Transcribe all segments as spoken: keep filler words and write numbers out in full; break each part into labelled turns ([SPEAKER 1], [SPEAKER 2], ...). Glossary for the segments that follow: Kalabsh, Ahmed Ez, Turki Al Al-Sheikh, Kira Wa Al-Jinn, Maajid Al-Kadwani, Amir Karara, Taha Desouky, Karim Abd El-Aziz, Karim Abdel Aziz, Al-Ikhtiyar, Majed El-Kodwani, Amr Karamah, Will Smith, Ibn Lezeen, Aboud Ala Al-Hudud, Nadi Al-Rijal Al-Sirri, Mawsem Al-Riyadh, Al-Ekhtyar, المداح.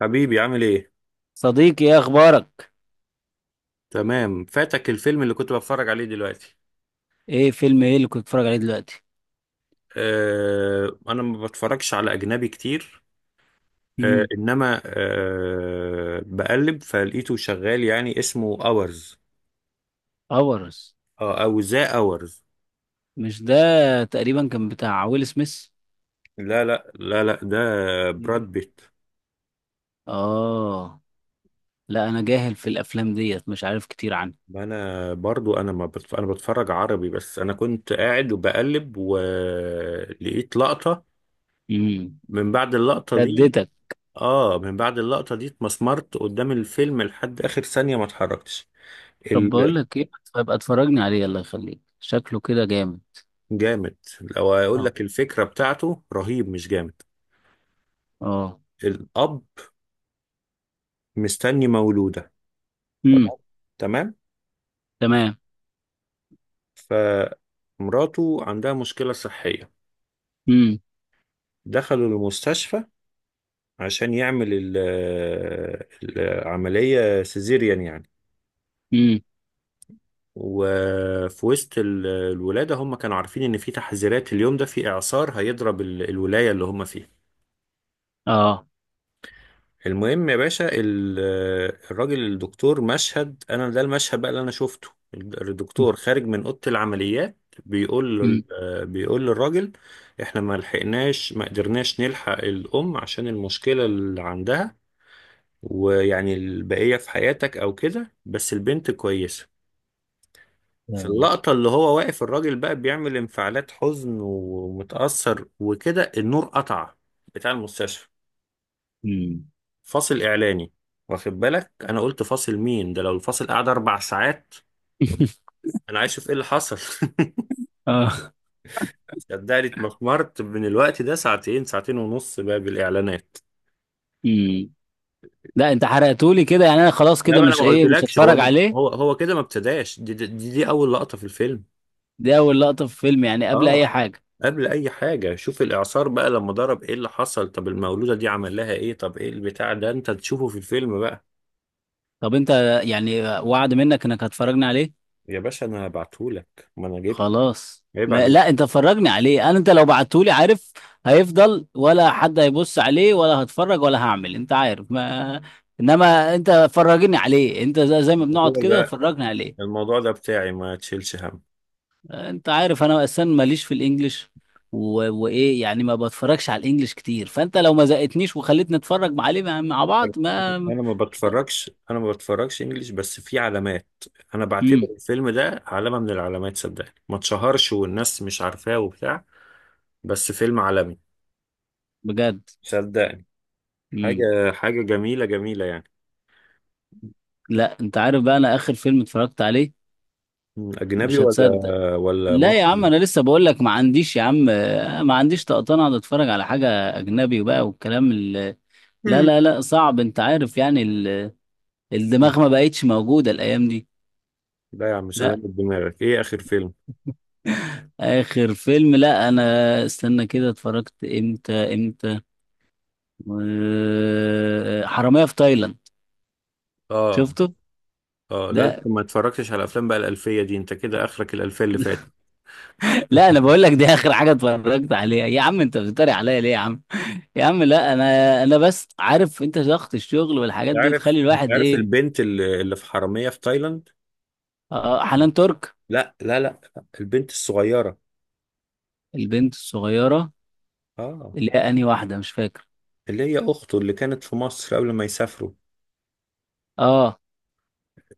[SPEAKER 1] حبيبي عامل ايه؟
[SPEAKER 2] صديقي، ايه اخبارك؟
[SPEAKER 1] تمام، فاتك الفيلم اللي كنت بتفرج عليه دلوقتي.
[SPEAKER 2] ايه، فيلم ايه اللي كنت بتتفرج عليه دلوقتي؟
[SPEAKER 1] أه، انا ما بتفرجش على اجنبي كتير. أه
[SPEAKER 2] امم.
[SPEAKER 1] انما أه بقلب فلقيته شغال، يعني اسمه اورز.
[SPEAKER 2] افرس.
[SPEAKER 1] أه، او ذا اورز.
[SPEAKER 2] مش ده. تقريبا كان بتاع ويل سميث.
[SPEAKER 1] لا لا لا لا، ده براد
[SPEAKER 2] مم.
[SPEAKER 1] بيت.
[SPEAKER 2] اه. لا انا جاهل في الافلام ديت، مش عارف كتير عنها.
[SPEAKER 1] انا برضو، انا ما بتف... انا بتفرج عربي بس، انا كنت قاعد وبقلب ولقيت لقطة.
[SPEAKER 2] امم.
[SPEAKER 1] من بعد اللقطة دي.
[SPEAKER 2] شدتك.
[SPEAKER 1] اه، من بعد اللقطة دي اتمسمرت قدام الفيلم لحد اخر ثانية، ما اتحركتش.
[SPEAKER 2] طب بقول لك ايه، ابقى اتفرجني عليه الله يخليك، شكله كده جامد.
[SPEAKER 1] الجامد؟ لو اقول
[SPEAKER 2] اه.
[SPEAKER 1] لك الفكرة بتاعته رهيب، مش جامد.
[SPEAKER 2] اه.
[SPEAKER 1] الأب مستني مولودة.
[SPEAKER 2] امم.
[SPEAKER 1] تمام، تمام.
[SPEAKER 2] تمام.
[SPEAKER 1] فمراته عندها مشكلة صحية.
[SPEAKER 2] امم.
[SPEAKER 1] دخلوا المستشفى عشان يعمل ال- العملية سيزيريان يعني.
[SPEAKER 2] امم.
[SPEAKER 1] وفي وسط ال- الولادة، هم كانوا عارفين إن في تحذيرات اليوم ده، في إعصار هيضرب ال- الولاية اللي هم فيها.
[SPEAKER 2] اه.
[SPEAKER 1] المهم يا باشا، ال- الراجل الدكتور، مشهد انا ده المشهد بقى اللي انا شفته. الدكتور خارج من اوضه العمليات، بيقول له
[SPEAKER 2] امم.
[SPEAKER 1] ال- بيقول للراجل احنا ما لحقناش، ما قدرناش نلحق الام عشان المشكله اللي عندها، ويعني البقيه في حياتك او كده، بس البنت كويسه. في اللقطه اللي هو واقف، الراجل بقى بيعمل انفعالات حزن ومتاثر وكده، النور قطع بتاع المستشفى.
[SPEAKER 2] امم.
[SPEAKER 1] فاصل اعلاني. واخد بالك انا قلت فاصل مين ده؟ لو الفاصل قعد اربع ساعات، انا عايز اشوف ايه اللي حصل.
[SPEAKER 2] اه.
[SPEAKER 1] صدقني، اتمخمرت من الوقت ده ساعتين، ساعتين ونص بقى بالاعلانات.
[SPEAKER 2] امم. لا، انت حرقتولي كده يعني، انا خلاص
[SPEAKER 1] لا،
[SPEAKER 2] كده
[SPEAKER 1] ما انا
[SPEAKER 2] مش
[SPEAKER 1] ما
[SPEAKER 2] ايه، مش
[SPEAKER 1] قلتلكش. هو
[SPEAKER 2] هتفرج عليه.
[SPEAKER 1] هو هو كده ما ابتداش. دي, دي, دي دي اول لقطة في الفيلم.
[SPEAKER 2] دي اول لقطة في فيلم يعني قبل اي
[SPEAKER 1] اه،
[SPEAKER 2] حاجة.
[SPEAKER 1] قبل اي حاجة. شوف الاعصار بقى لما ضرب ايه اللي حصل، طب المولودة دي عمل لها ايه، طب ايه البتاع ده، انت تشوفه في الفيلم بقى.
[SPEAKER 2] طب انت يعني، وعد منك انك هتفرجني عليه.
[SPEAKER 1] يا باشا، انا هبعتهولك، ما انا جبت.
[SPEAKER 2] خلاص،
[SPEAKER 1] عيب
[SPEAKER 2] ما
[SPEAKER 1] عليك.
[SPEAKER 2] لا انت فرجني عليه، انا انت لو بعتهولي عارف، هيفضل ولا حد هيبص عليه ولا هتفرج ولا هعمل انت عارف. ما، انما انت فرجني عليه، انت زي, زي ما
[SPEAKER 1] الموضوع
[SPEAKER 2] بنقعد كده
[SPEAKER 1] ده،
[SPEAKER 2] فرجني عليه.
[SPEAKER 1] الموضوع ده بتاعي، ما تشيلش هم.
[SPEAKER 2] انت عارف انا اصلا ماليش في الانجليش، و... وايه يعني، ما بتفرجش على الانجليش كتير، فانت لو ما زقتنيش وخليتني اتفرج عليه مع مع بعض ما.
[SPEAKER 1] انا ما بتفرجش، انا ما بتفرجش انجليش بس في علامات. انا بعتبر
[SPEAKER 2] امم.
[SPEAKER 1] الفيلم ده علامة من العلامات، صدقني، ما اتشهرش والناس مش عارفاه وبتاع، بس فيلم عالمي.
[SPEAKER 2] بجد.
[SPEAKER 1] صدقني.
[SPEAKER 2] امم.
[SPEAKER 1] حاجة، حاجة جميلة جميلة يعني.
[SPEAKER 2] لا انت عارف بقى، انا اخر فيلم اتفرجت عليه
[SPEAKER 1] مم، اجنبي
[SPEAKER 2] مش
[SPEAKER 1] ولا
[SPEAKER 2] هتصدق.
[SPEAKER 1] ولا
[SPEAKER 2] لا يا عم،
[SPEAKER 1] مصري؟
[SPEAKER 2] انا لسه بقول لك ما عنديش يا عم، آه، ما عنديش طقطان اقعد اتفرج على حاجه اجنبي بقى، والكلام ال... لا
[SPEAKER 1] مم.
[SPEAKER 2] لا لا، صعب، انت عارف يعني ال...
[SPEAKER 1] مم.
[SPEAKER 2] الدماغ ما بقتش موجوده الايام دي.
[SPEAKER 1] لا يا عم، سلام
[SPEAKER 2] لا
[SPEAKER 1] دماغك، ايه اخر فيلم؟
[SPEAKER 2] اخر فيلم، لا انا، استنى كده، اتفرجت امتى امتى؟ آه، حرامية في تايلاند.
[SPEAKER 1] اه.
[SPEAKER 2] شفته.
[SPEAKER 1] اه، لا انت
[SPEAKER 2] ده،
[SPEAKER 1] ما اتفرجتش على افلام بقى الالفية دي، انت كده اخرك الالفية اللي فاتت.
[SPEAKER 2] لا انا بقول لك دي اخر حاجه اتفرجت عليها يا عم. انت بتتريق عليا ليه يا عم؟ يا عم لا، انا انا بس عارف انت ضغط الشغل والحاجات
[SPEAKER 1] انت
[SPEAKER 2] دي
[SPEAKER 1] عارف،
[SPEAKER 2] تخلي
[SPEAKER 1] انت
[SPEAKER 2] الواحد
[SPEAKER 1] عارف
[SPEAKER 2] ايه.
[SPEAKER 1] البنت اللي اللي في حرامية في تايلاند؟
[SPEAKER 2] آه، حنان ترك.
[SPEAKER 1] لا لا لا، البنت الصغيرة.
[SPEAKER 2] البنت الصغيره.
[SPEAKER 1] اه.
[SPEAKER 2] اللي هي انهي واحده، مش فاكر.
[SPEAKER 1] اللي هي اخته اللي كانت في مصر قبل ما يسافروا.
[SPEAKER 2] اه.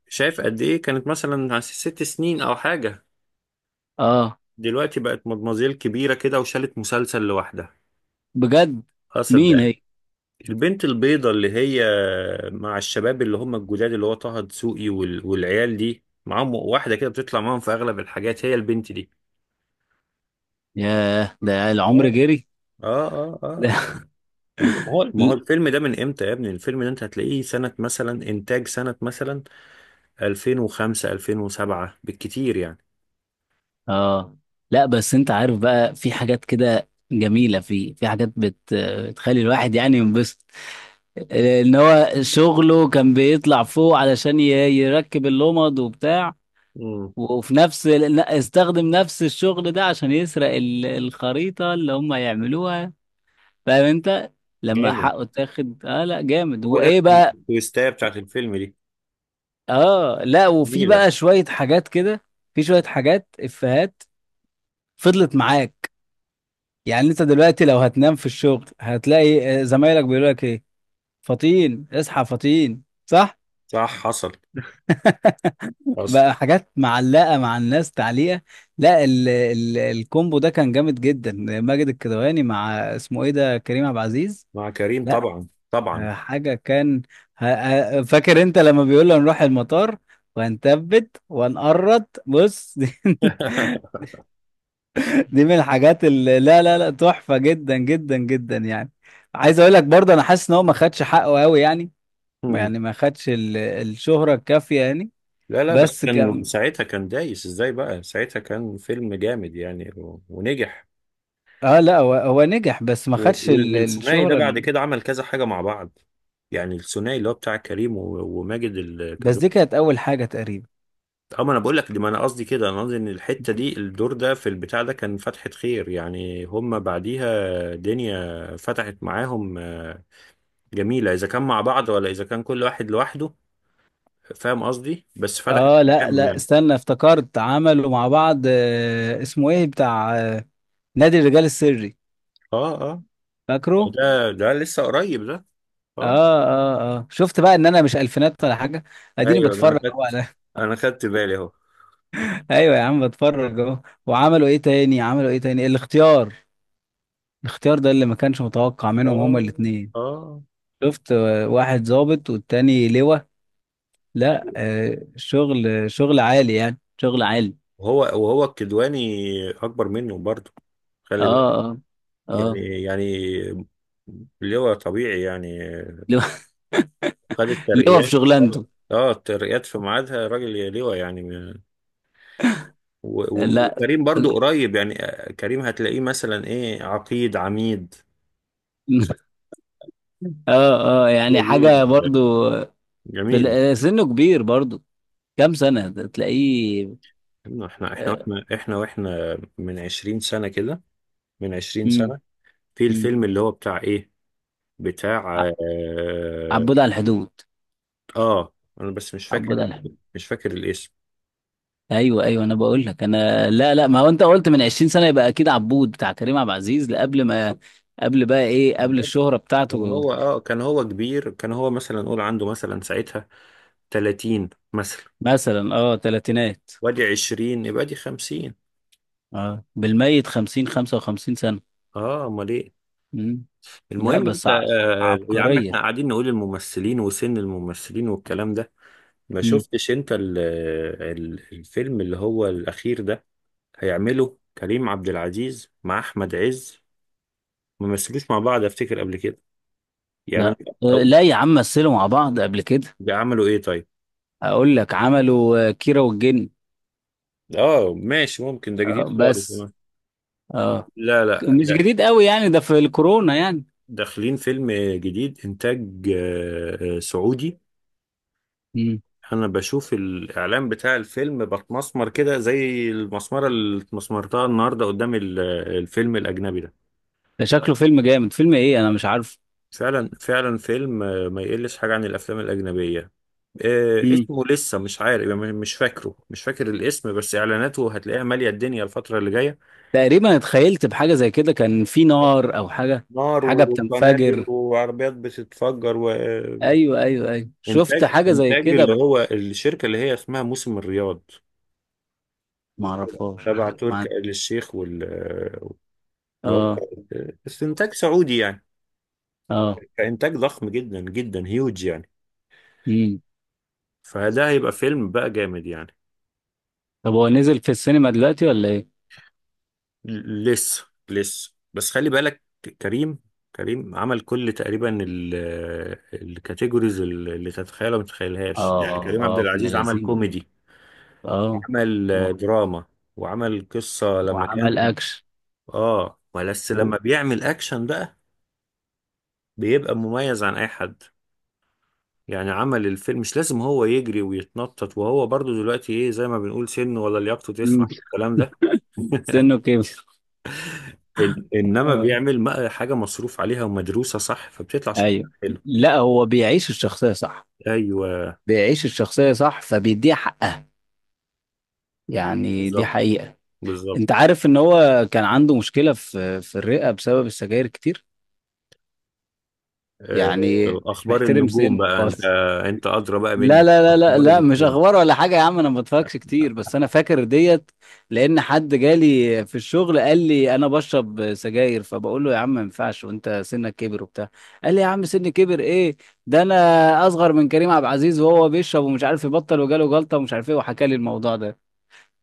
[SPEAKER 1] شايف قد ايه كانت مثلا، س- ست سنين او حاجة،
[SPEAKER 2] اه.
[SPEAKER 1] دلوقتي بقت مدمزيل كبيرة كده وشالت مسلسل لوحدها.
[SPEAKER 2] بجد؟
[SPEAKER 1] اقصد
[SPEAKER 2] مين
[SPEAKER 1] ده،
[SPEAKER 2] هي؟
[SPEAKER 1] البنت البيضة اللي هي مع الشباب اللي هم الجداد اللي هو طه دسوقي وال... والعيال دي، معاهم واحدة كده بتطلع معاهم في اغلب الحاجات، هي البنت دي.
[SPEAKER 2] ياه، ده العمر
[SPEAKER 1] اه
[SPEAKER 2] جري.
[SPEAKER 1] اه اه
[SPEAKER 2] ده
[SPEAKER 1] آه. ب- ما هو ما هو
[SPEAKER 2] ل-
[SPEAKER 1] الفيلم ده من امتى يا ابني؟ الفيلم ده انت هتلاقيه سنة مثلا، انتاج سنة مثلا ألفين وخمسة، ألفين وسبعة بالكتير.
[SPEAKER 2] اه لا، بس انت عارف بقى، في حاجات كده جميله، في في حاجات بت... بتخلي الواحد يعني ينبسط. لان هو شغله كان بيطلع فوق علشان ي- يركب اللمض وبتاع،
[SPEAKER 1] يعني
[SPEAKER 2] وفي نفس ال- استخدم نفس الشغل ده عشان يسرق ال- الخريطة اللي هم يعملوها، فاهم انت؟ لما
[SPEAKER 1] جامد.
[SPEAKER 2] حقه اتاخد، اه لا جامد،
[SPEAKER 1] هو ده
[SPEAKER 2] وايه بقى.
[SPEAKER 1] التويستاية بتاعت الفيلم دي.
[SPEAKER 2] اه لا، وفي
[SPEAKER 1] جميلة.
[SPEAKER 2] بقى شوية حاجات كده، في شوية حاجات افيهات فضلت معاك. يعني انت دلوقتي لو هتنام في الشغل هتلاقي آه، زمايلك بيقولوا لك ايه، فطين اصحى فطين، صح؟
[SPEAKER 1] صح، حصل حصل.
[SPEAKER 2] بقى حاجات معلقة مع الناس تعليقة. لا، ال ال الكومبو ده كان جامد جدا. ماجد الكدواني مع اسمه ايه ده، كريم عبد العزيز.
[SPEAKER 1] مع كريم
[SPEAKER 2] لا،
[SPEAKER 1] طبعا طبعا.
[SPEAKER 2] حاجة كان، ه- ه- فاكر انت لما بيقول له نروح المطار، وهنثبت وهنقرط بص، دي, دي من الحاجات اللي، لا لا لا، تحفة جدا جدا جدا يعني. عايز اقول لك برضه، انا حاسس ان هو ما خدش حقه قوي يعني،
[SPEAKER 1] مم.
[SPEAKER 2] يعني ما خدش ال- الشهرة الكافية يعني.
[SPEAKER 1] لا لا، بس
[SPEAKER 2] بس
[SPEAKER 1] كان ساعتها كان دايس ازاي بقى، ساعتها كان فيلم جامد يعني، و- ونجح.
[SPEAKER 2] اه لا، هو هو نجح، بس ما
[SPEAKER 1] و-
[SPEAKER 2] خدش
[SPEAKER 1] وال-
[SPEAKER 2] ال-
[SPEAKER 1] والثنائي ده
[SPEAKER 2] الشهرة
[SPEAKER 1] بعد
[SPEAKER 2] ال...
[SPEAKER 1] كده عمل كذا حاجة مع بعض، يعني الثنائي اللي هو بتاع كريم و- وماجد
[SPEAKER 2] بس دي
[SPEAKER 1] الكدواني.
[SPEAKER 2] كانت اول حاجة تقريبا.
[SPEAKER 1] اه، ما انا بقول لك دي، ما انا قصدي كده، انا قصدي ان الحتة دي، الدور ده في البتاع ده كان فتحة خير يعني، هم بعديها دنيا فتحت معاهم. آه، جميلة إذا كان مع بعض ولا إذا كان كل واحد لوحده، فاهم قصدي، بس فتحت
[SPEAKER 2] اه لا
[SPEAKER 1] مكان
[SPEAKER 2] لا،
[SPEAKER 1] يعني.
[SPEAKER 2] استنى، افتكرت عملوا مع بعض، آه اسمه ايه، بتاع، آه نادي الرجال السري،
[SPEAKER 1] اه اه.
[SPEAKER 2] فاكره.
[SPEAKER 1] ده ده لسه قريب ده. اه.
[SPEAKER 2] اه. اه. اه. شفت بقى ان انا مش الفينات ولا حاجة، اديني
[SPEAKER 1] ايوه، انا
[SPEAKER 2] بتفرج اهو
[SPEAKER 1] خدت،
[SPEAKER 2] على.
[SPEAKER 1] انا خدت بالي اهو.
[SPEAKER 2] ايوه يا عم، بتفرج اهو. وعملوا ايه تاني، عملوا ايه تاني؟ الاختيار. الاختيار ده اللي ما كانش متوقع منهم هما
[SPEAKER 1] اه
[SPEAKER 2] الاتنين.
[SPEAKER 1] اه.
[SPEAKER 2] شفت، آه، واحد ظابط والتاني لواء. لا آه، شغل شغل عالي يعني، شغل عالي.
[SPEAKER 1] وهو وهو الكدواني اكبر منه برضه،
[SPEAKER 2] اه.
[SPEAKER 1] خلي بالك.
[SPEAKER 2] اه.
[SPEAKER 1] يعني
[SPEAKER 2] اه.
[SPEAKER 1] يعني اللي هو طبيعي يعني،
[SPEAKER 2] اللي هو
[SPEAKER 1] خد
[SPEAKER 2] اللي هو في
[SPEAKER 1] الترقيات. اه،
[SPEAKER 2] شغلانته.
[SPEAKER 1] آه، الترقيات في ميعادها، راجل لواء يعني. و- و-
[SPEAKER 2] لا.
[SPEAKER 1] وكريم برضو قريب يعني. آه، كريم هتلاقيه مثلا ايه، عقيد، عميد.
[SPEAKER 2] اه. اه.
[SPEAKER 1] هي
[SPEAKER 2] يعني
[SPEAKER 1] دي
[SPEAKER 2] حاجة
[SPEAKER 1] ال-
[SPEAKER 2] برضو. في
[SPEAKER 1] جميلة.
[SPEAKER 2] ال- سنه كبير برضو. كام سنة ده تلاقيه؟
[SPEAKER 1] احنا احنا احنا
[SPEAKER 2] آه.
[SPEAKER 1] واحنا احنا واحنا من 20 سنة كده، من 20
[SPEAKER 2] مم.
[SPEAKER 1] سنة في
[SPEAKER 2] مم.
[SPEAKER 1] الفيلم اللي هو بتاع ايه، بتاع
[SPEAKER 2] ع-
[SPEAKER 1] اه,
[SPEAKER 2] عبود على الحدود.
[SPEAKER 1] آه انا بس مش
[SPEAKER 2] عبود
[SPEAKER 1] فاكر،
[SPEAKER 2] على الحدود.
[SPEAKER 1] مش فاكر الاسم.
[SPEAKER 2] ايوه ايوه، انا بقول لك، انا لا لا، ما هو انت قلت من عشرين سنة، يبقى اكيد عبود بتاع كريم عبد العزيز قبل ما، قبل بقى ايه، قبل الشهرة
[SPEAKER 1] كان
[SPEAKER 2] بتاعته.
[SPEAKER 1] هو اه كان هو كبير، كان هو مثلا نقول عنده مثلا ساعتها تلاتين مثلا،
[SPEAKER 2] مثلا اه، تلاتينات.
[SPEAKER 1] وادي عشرين، يبقى دي خمسين.
[SPEAKER 2] اه، بالميت خمسين خمسة وخمسين سنة.
[SPEAKER 1] اه، امال ايه.
[SPEAKER 2] مم. لا
[SPEAKER 1] المهم،
[SPEAKER 2] بس
[SPEAKER 1] انت
[SPEAKER 2] ع...
[SPEAKER 1] آه يا عم
[SPEAKER 2] عبقرية.
[SPEAKER 1] احنا قاعدين نقول الممثلين وسن الممثلين والكلام ده. ما
[SPEAKER 2] مم.
[SPEAKER 1] شفتش انت ال ال الفيلم اللي هو الاخير ده؟ هيعمله كريم عبد العزيز مع احمد عز، ما مثلوش مع بعض افتكر قبل كده، يعني
[SPEAKER 2] لا
[SPEAKER 1] أنا-
[SPEAKER 2] آه،
[SPEAKER 1] او
[SPEAKER 2] لا يا عم، مثلوا مع بعض قبل كده.
[SPEAKER 1] عملوا ايه طيب؟
[SPEAKER 2] اقول لك عملوا، آه، كيرة والجن.
[SPEAKER 1] اه ماشي، ممكن ده جديد
[SPEAKER 2] آه،
[SPEAKER 1] خالص
[SPEAKER 2] بس
[SPEAKER 1] كمان.
[SPEAKER 2] اه،
[SPEAKER 1] لا لا،
[SPEAKER 2] مش
[SPEAKER 1] ده
[SPEAKER 2] جديد قوي يعني، ده في الكورونا يعني.
[SPEAKER 1] داخلين فيلم جديد، انتاج آه، آه، سعودي.
[SPEAKER 2] مم.
[SPEAKER 1] انا بشوف الاعلان بتاع الفيلم بتمسمر كده، زي المسمره اللي اتمسمرتها النهارده قدام ال- الفيلم الاجنبي ده.
[SPEAKER 2] ده شكله فيلم جامد، فيلم ايه انا مش عارف.
[SPEAKER 1] فعلا فعلا، فيلم، آه، ما يقلش حاجة عن الأفلام الأجنبية. آه،
[SPEAKER 2] مم.
[SPEAKER 1] اسمه لسه مش عارف يعني، مش فاكره مش فاكر الاسم، بس إعلاناته هتلاقيها مالية الدنيا الفترة اللي جاية.
[SPEAKER 2] تقريبا اتخيلت بحاجة زي كده، كان في نار او حاجة.
[SPEAKER 1] نار
[SPEAKER 2] حاجة
[SPEAKER 1] وقنابل
[SPEAKER 2] بتنفجر.
[SPEAKER 1] وعربيات بتتفجر وإنتاج،
[SPEAKER 2] ايوه ايوه ايوه، شفت حاجة زي
[SPEAKER 1] إنتاج
[SPEAKER 2] كده،
[SPEAKER 1] اللي
[SPEAKER 2] ب-
[SPEAKER 1] هو الشركة اللي هي اسمها موسم الرياض،
[SPEAKER 2] ما اعرفهاش
[SPEAKER 1] تبع
[SPEAKER 2] الحقيقة.
[SPEAKER 1] تركي
[SPEAKER 2] ما-
[SPEAKER 1] آل الشيخ وال اللي هو،
[SPEAKER 2] اه.
[SPEAKER 1] بس إنتاج سعودي يعني،
[SPEAKER 2] اه.
[SPEAKER 1] إنتاج ضخم جدا جدا هيوج يعني،
[SPEAKER 2] مم.
[SPEAKER 1] فده هيبقى فيلم بقى جامد يعني.
[SPEAKER 2] طب هو نزل في السينما دلوقتي ولا ايه؟
[SPEAKER 1] لسه لسه، بس خلي بالك. كريم كريم عمل كل تقريبا ال- الكاتيجوريز اللي تتخيلها ما تتخيلهاش. يعني
[SPEAKER 2] اه.
[SPEAKER 1] كريم عبد
[SPEAKER 2] اه. ابن
[SPEAKER 1] العزيز عمل
[SPEAKER 2] لذين.
[SPEAKER 1] كوميدي،
[SPEAKER 2] اه،
[SPEAKER 1] عمل آه،
[SPEAKER 2] و-
[SPEAKER 1] دراما، وعمل قصة لما
[SPEAKER 2] وعمل
[SPEAKER 1] كان.
[SPEAKER 2] اكشن،
[SPEAKER 1] اه، بس
[SPEAKER 2] و-
[SPEAKER 1] لما بيعمل اكشن بقى بيبقى مميز عن اي حد يعني. عمل الفيلم مش لازم هو يجري ويتنطط، وهو برضو دلوقتي ايه، زي ما بنقول سنه ولا لياقته
[SPEAKER 2] مم.
[SPEAKER 1] تسمح الكلام ده.
[SPEAKER 2] سنه كبر.
[SPEAKER 1] إن- انما
[SPEAKER 2] اه.
[SPEAKER 1] بيعمل م- حاجة مصروف عليها ومدروسة، صح، فبتطلع شكلها
[SPEAKER 2] ايوه.
[SPEAKER 1] حلو.
[SPEAKER 2] لا هو بيعيش الشخصيه صح،
[SPEAKER 1] ايوه،
[SPEAKER 2] بيعيش الشخصيه صح فبيديها حقها، يعني دي
[SPEAKER 1] بالظبط
[SPEAKER 2] حقيقه.
[SPEAKER 1] بالظبط.
[SPEAKER 2] انت عارف ان هو كان عنده مشكله في في الرئه بسبب السجاير كتير،
[SPEAKER 1] آه،
[SPEAKER 2] يعني مش
[SPEAKER 1] اخبار
[SPEAKER 2] محترم
[SPEAKER 1] النجوم
[SPEAKER 2] سنه
[SPEAKER 1] بقى انت،
[SPEAKER 2] خالص.
[SPEAKER 1] انت ادرى بقى
[SPEAKER 2] لا
[SPEAKER 1] مني
[SPEAKER 2] لا لا لا
[SPEAKER 1] اخبار
[SPEAKER 2] لا، مش
[SPEAKER 1] النجوم.
[SPEAKER 2] اخبار ولا حاجه يا عم، انا ما بتفرجش كتير، بس انا فاكر ديت. لان حد جالي في الشغل قال لي انا بشرب سجاير، فبقول له يا عم ما ينفعش، وانت سنك كبر وبتاع. قال لي يا عم، سني كبر ايه؟ ده انا اصغر من كريم عبد العزيز، وهو بيشرب ومش عارف يبطل، وجاله جلطه ومش عارف ايه، وحكى لي الموضوع ده.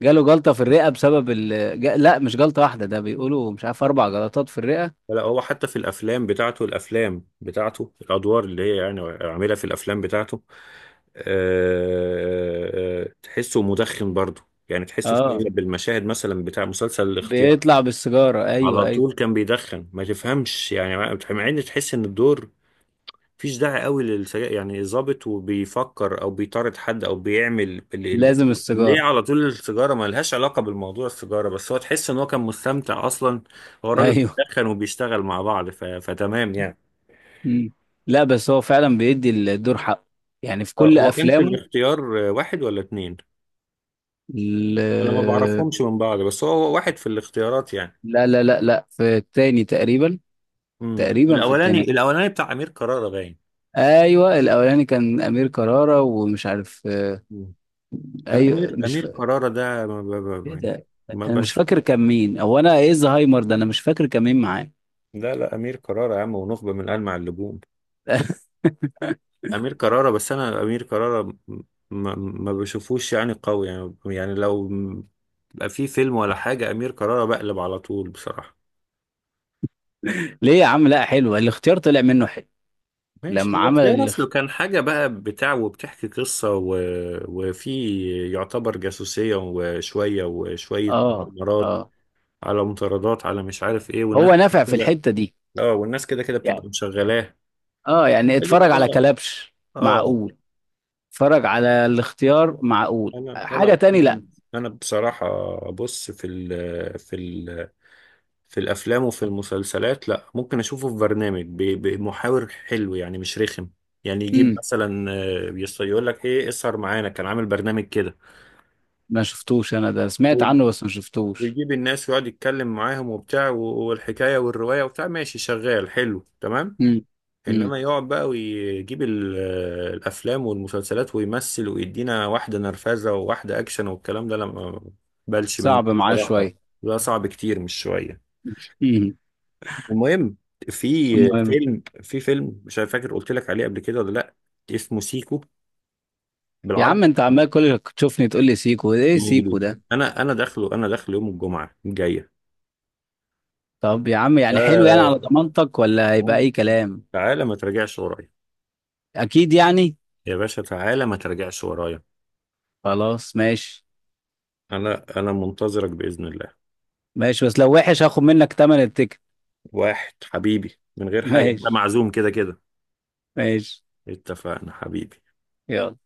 [SPEAKER 2] جاله جلطه في الرئه بسبب ال... جا- لا، مش جلطه واحده، ده بيقولوا مش عارف اربع جلطات في الرئه.
[SPEAKER 1] لا، هو حتى في الافلام بتاعته، الافلام بتاعته الادوار اللي هي يعني عاملها في الافلام بتاعته، آه، آه، تحسه مدخن برضه يعني، تحسه في
[SPEAKER 2] اه،
[SPEAKER 1] اغلب المشاهد مثلا بتاع مسلسل الاختيار،
[SPEAKER 2] بيطلع بالسيجاره، ايوه
[SPEAKER 1] على
[SPEAKER 2] ايوه.
[SPEAKER 1] طول كان بيدخن ما تفهمش، يعني مع مع ان تحس ان الدور مفيش داعي قوي للسجاير يعني، ظابط وبيفكر او بيطارد حد او بيعمل ال... ال...
[SPEAKER 2] لازم
[SPEAKER 1] ليه
[SPEAKER 2] السيجاره.
[SPEAKER 1] على طول السيجاره، ما لهاش علاقه بالموضوع السيجاره، بس هو تحس ان هو كان مستمتع اصلا، هو الراجل
[SPEAKER 2] ايوه.
[SPEAKER 1] بيدخن وبيشتغل مع بعض، ف... فتمام يعني.
[SPEAKER 2] مم. لا بس هو فعلا بيدي الدور حقه، يعني في
[SPEAKER 1] آه،
[SPEAKER 2] كل
[SPEAKER 1] هو كان في
[SPEAKER 2] افلامه.
[SPEAKER 1] الاختيار آه، واحد ولا اتنين،
[SPEAKER 2] ال-
[SPEAKER 1] انا ما بعرفهمش من بعض، بس هو هو واحد في الاختيارات يعني.
[SPEAKER 2] لا لا لا لا، في التاني تقريبا.
[SPEAKER 1] امم،
[SPEAKER 2] تقريبا في
[SPEAKER 1] الاولاني
[SPEAKER 2] التاني.
[SPEAKER 1] الاولاني بتاع امير كرارة باين.
[SPEAKER 2] ايوه الاولاني كان امير كرارة ومش عارف.
[SPEAKER 1] مم. انا
[SPEAKER 2] ايوه،
[SPEAKER 1] امير
[SPEAKER 2] مش ف...
[SPEAKER 1] امير كرارة ده ما ب...
[SPEAKER 2] ايه
[SPEAKER 1] ب... ب-
[SPEAKER 2] ده.
[SPEAKER 1] ما
[SPEAKER 2] انا مش
[SPEAKER 1] بش
[SPEAKER 2] فاكر كان مين، هو انا ايه، زهايمر ده، انا مش فاكر كان مين معاه.
[SPEAKER 1] لا لا، امير كرارة يا عم، ونخبه من المع اللجوم، امير كرارة، بس انا امير كرارة م- م- ما بشوفوش يعني قوي يعني، يعني لو بقى في فيلم ولا حاجة امير كرارة بقلب على طول بصراحة.
[SPEAKER 2] ليه يا عم؟ لا حلوه الاختيار، طلع منه حلو
[SPEAKER 1] ماشي،
[SPEAKER 2] لما
[SPEAKER 1] هو
[SPEAKER 2] عمل
[SPEAKER 1] اختيار اصله
[SPEAKER 2] الاخ...
[SPEAKER 1] كان حاجة بقى بتاع، وبتحكي قصة و... وفي يعتبر جاسوسية وشوية وشوية
[SPEAKER 2] اه.
[SPEAKER 1] مغامرات
[SPEAKER 2] اه.
[SPEAKER 1] على مطاردات، على مش عارف ايه، والناس
[SPEAKER 2] هو نافع في
[SPEAKER 1] كده.
[SPEAKER 2] الحته دي
[SPEAKER 1] اه، والناس كده كده
[SPEAKER 2] يعني.
[SPEAKER 1] بتبقى مشغلاه.
[SPEAKER 2] اه يعني
[SPEAKER 1] قالت
[SPEAKER 2] اتفرج على
[SPEAKER 1] اه.
[SPEAKER 2] كلبش.
[SPEAKER 1] اه.
[SPEAKER 2] معقول. اتفرج على الاختيار معقول،
[SPEAKER 1] انا
[SPEAKER 2] حاجة
[SPEAKER 1] انا
[SPEAKER 2] تاني لا.
[SPEAKER 1] انا بصراحه، بص، في ال في في الافلام وفي المسلسلات لا، ممكن اشوفه في برنامج، ب- بمحاور حلو يعني مش رخم. يعني يجيب
[SPEAKER 2] امم.
[SPEAKER 1] مثلا آه، يص- يقول لك ايه، اسهر معانا، كان عامل برنامج كده.
[SPEAKER 2] ما شفتوش انا ده، سمعت
[SPEAKER 1] وي-
[SPEAKER 2] عنه بس ما شفتوش.
[SPEAKER 1] ويجيب الناس ويقعد يتكلم معاهم وبتاع و- والحكايه والروايه وبتاع ماشي شغال حلو تمام.
[SPEAKER 2] امم. امم.
[SPEAKER 1] انما يقعد بقى ويجيب ال- آه، الافلام والمسلسلات، ويمثل ويدينا واحده نرفزه وواحده اكشن والكلام ده، لما بلش منه
[SPEAKER 2] صعب معاه
[SPEAKER 1] بصراحه،
[SPEAKER 2] شوية.
[SPEAKER 1] ده صعب كتير مش شويه.
[SPEAKER 2] مم.
[SPEAKER 1] المهم، في
[SPEAKER 2] المهم،
[SPEAKER 1] فيلم في فيلم مش فاكر قلت لك عليه قبل كده ولا لا، اسمه سيكو
[SPEAKER 2] يا
[SPEAKER 1] بالعربي،
[SPEAKER 2] عم انت عمال كل تشوفني تقول لي سيكو، ايه سيكو
[SPEAKER 1] بالانجليزي،
[SPEAKER 2] ده؟
[SPEAKER 1] انا انا داخله، انا داخله يوم الجمعه الجايه.
[SPEAKER 2] طب يا عم، يعني حلو يعني على
[SPEAKER 1] آه،
[SPEAKER 2] ضمانتك ولا هيبقى
[SPEAKER 1] المهم،
[SPEAKER 2] اي كلام؟
[SPEAKER 1] تعالى ما ترجعش ورايا،
[SPEAKER 2] اكيد يعني.
[SPEAKER 1] يا باشا تعالى ما ترجعش ورايا،
[SPEAKER 2] خلاص ماشي.
[SPEAKER 1] انا انا منتظرك باذن الله.
[SPEAKER 2] ماشي، بس لو وحش هاخد منك تمن التيكت.
[SPEAKER 1] واحد حبيبي من غير حاجه، انت
[SPEAKER 2] ماشي.
[SPEAKER 1] معزوم كده كده.
[SPEAKER 2] ماشي،
[SPEAKER 1] اتفقنا حبيبي.
[SPEAKER 2] يلا.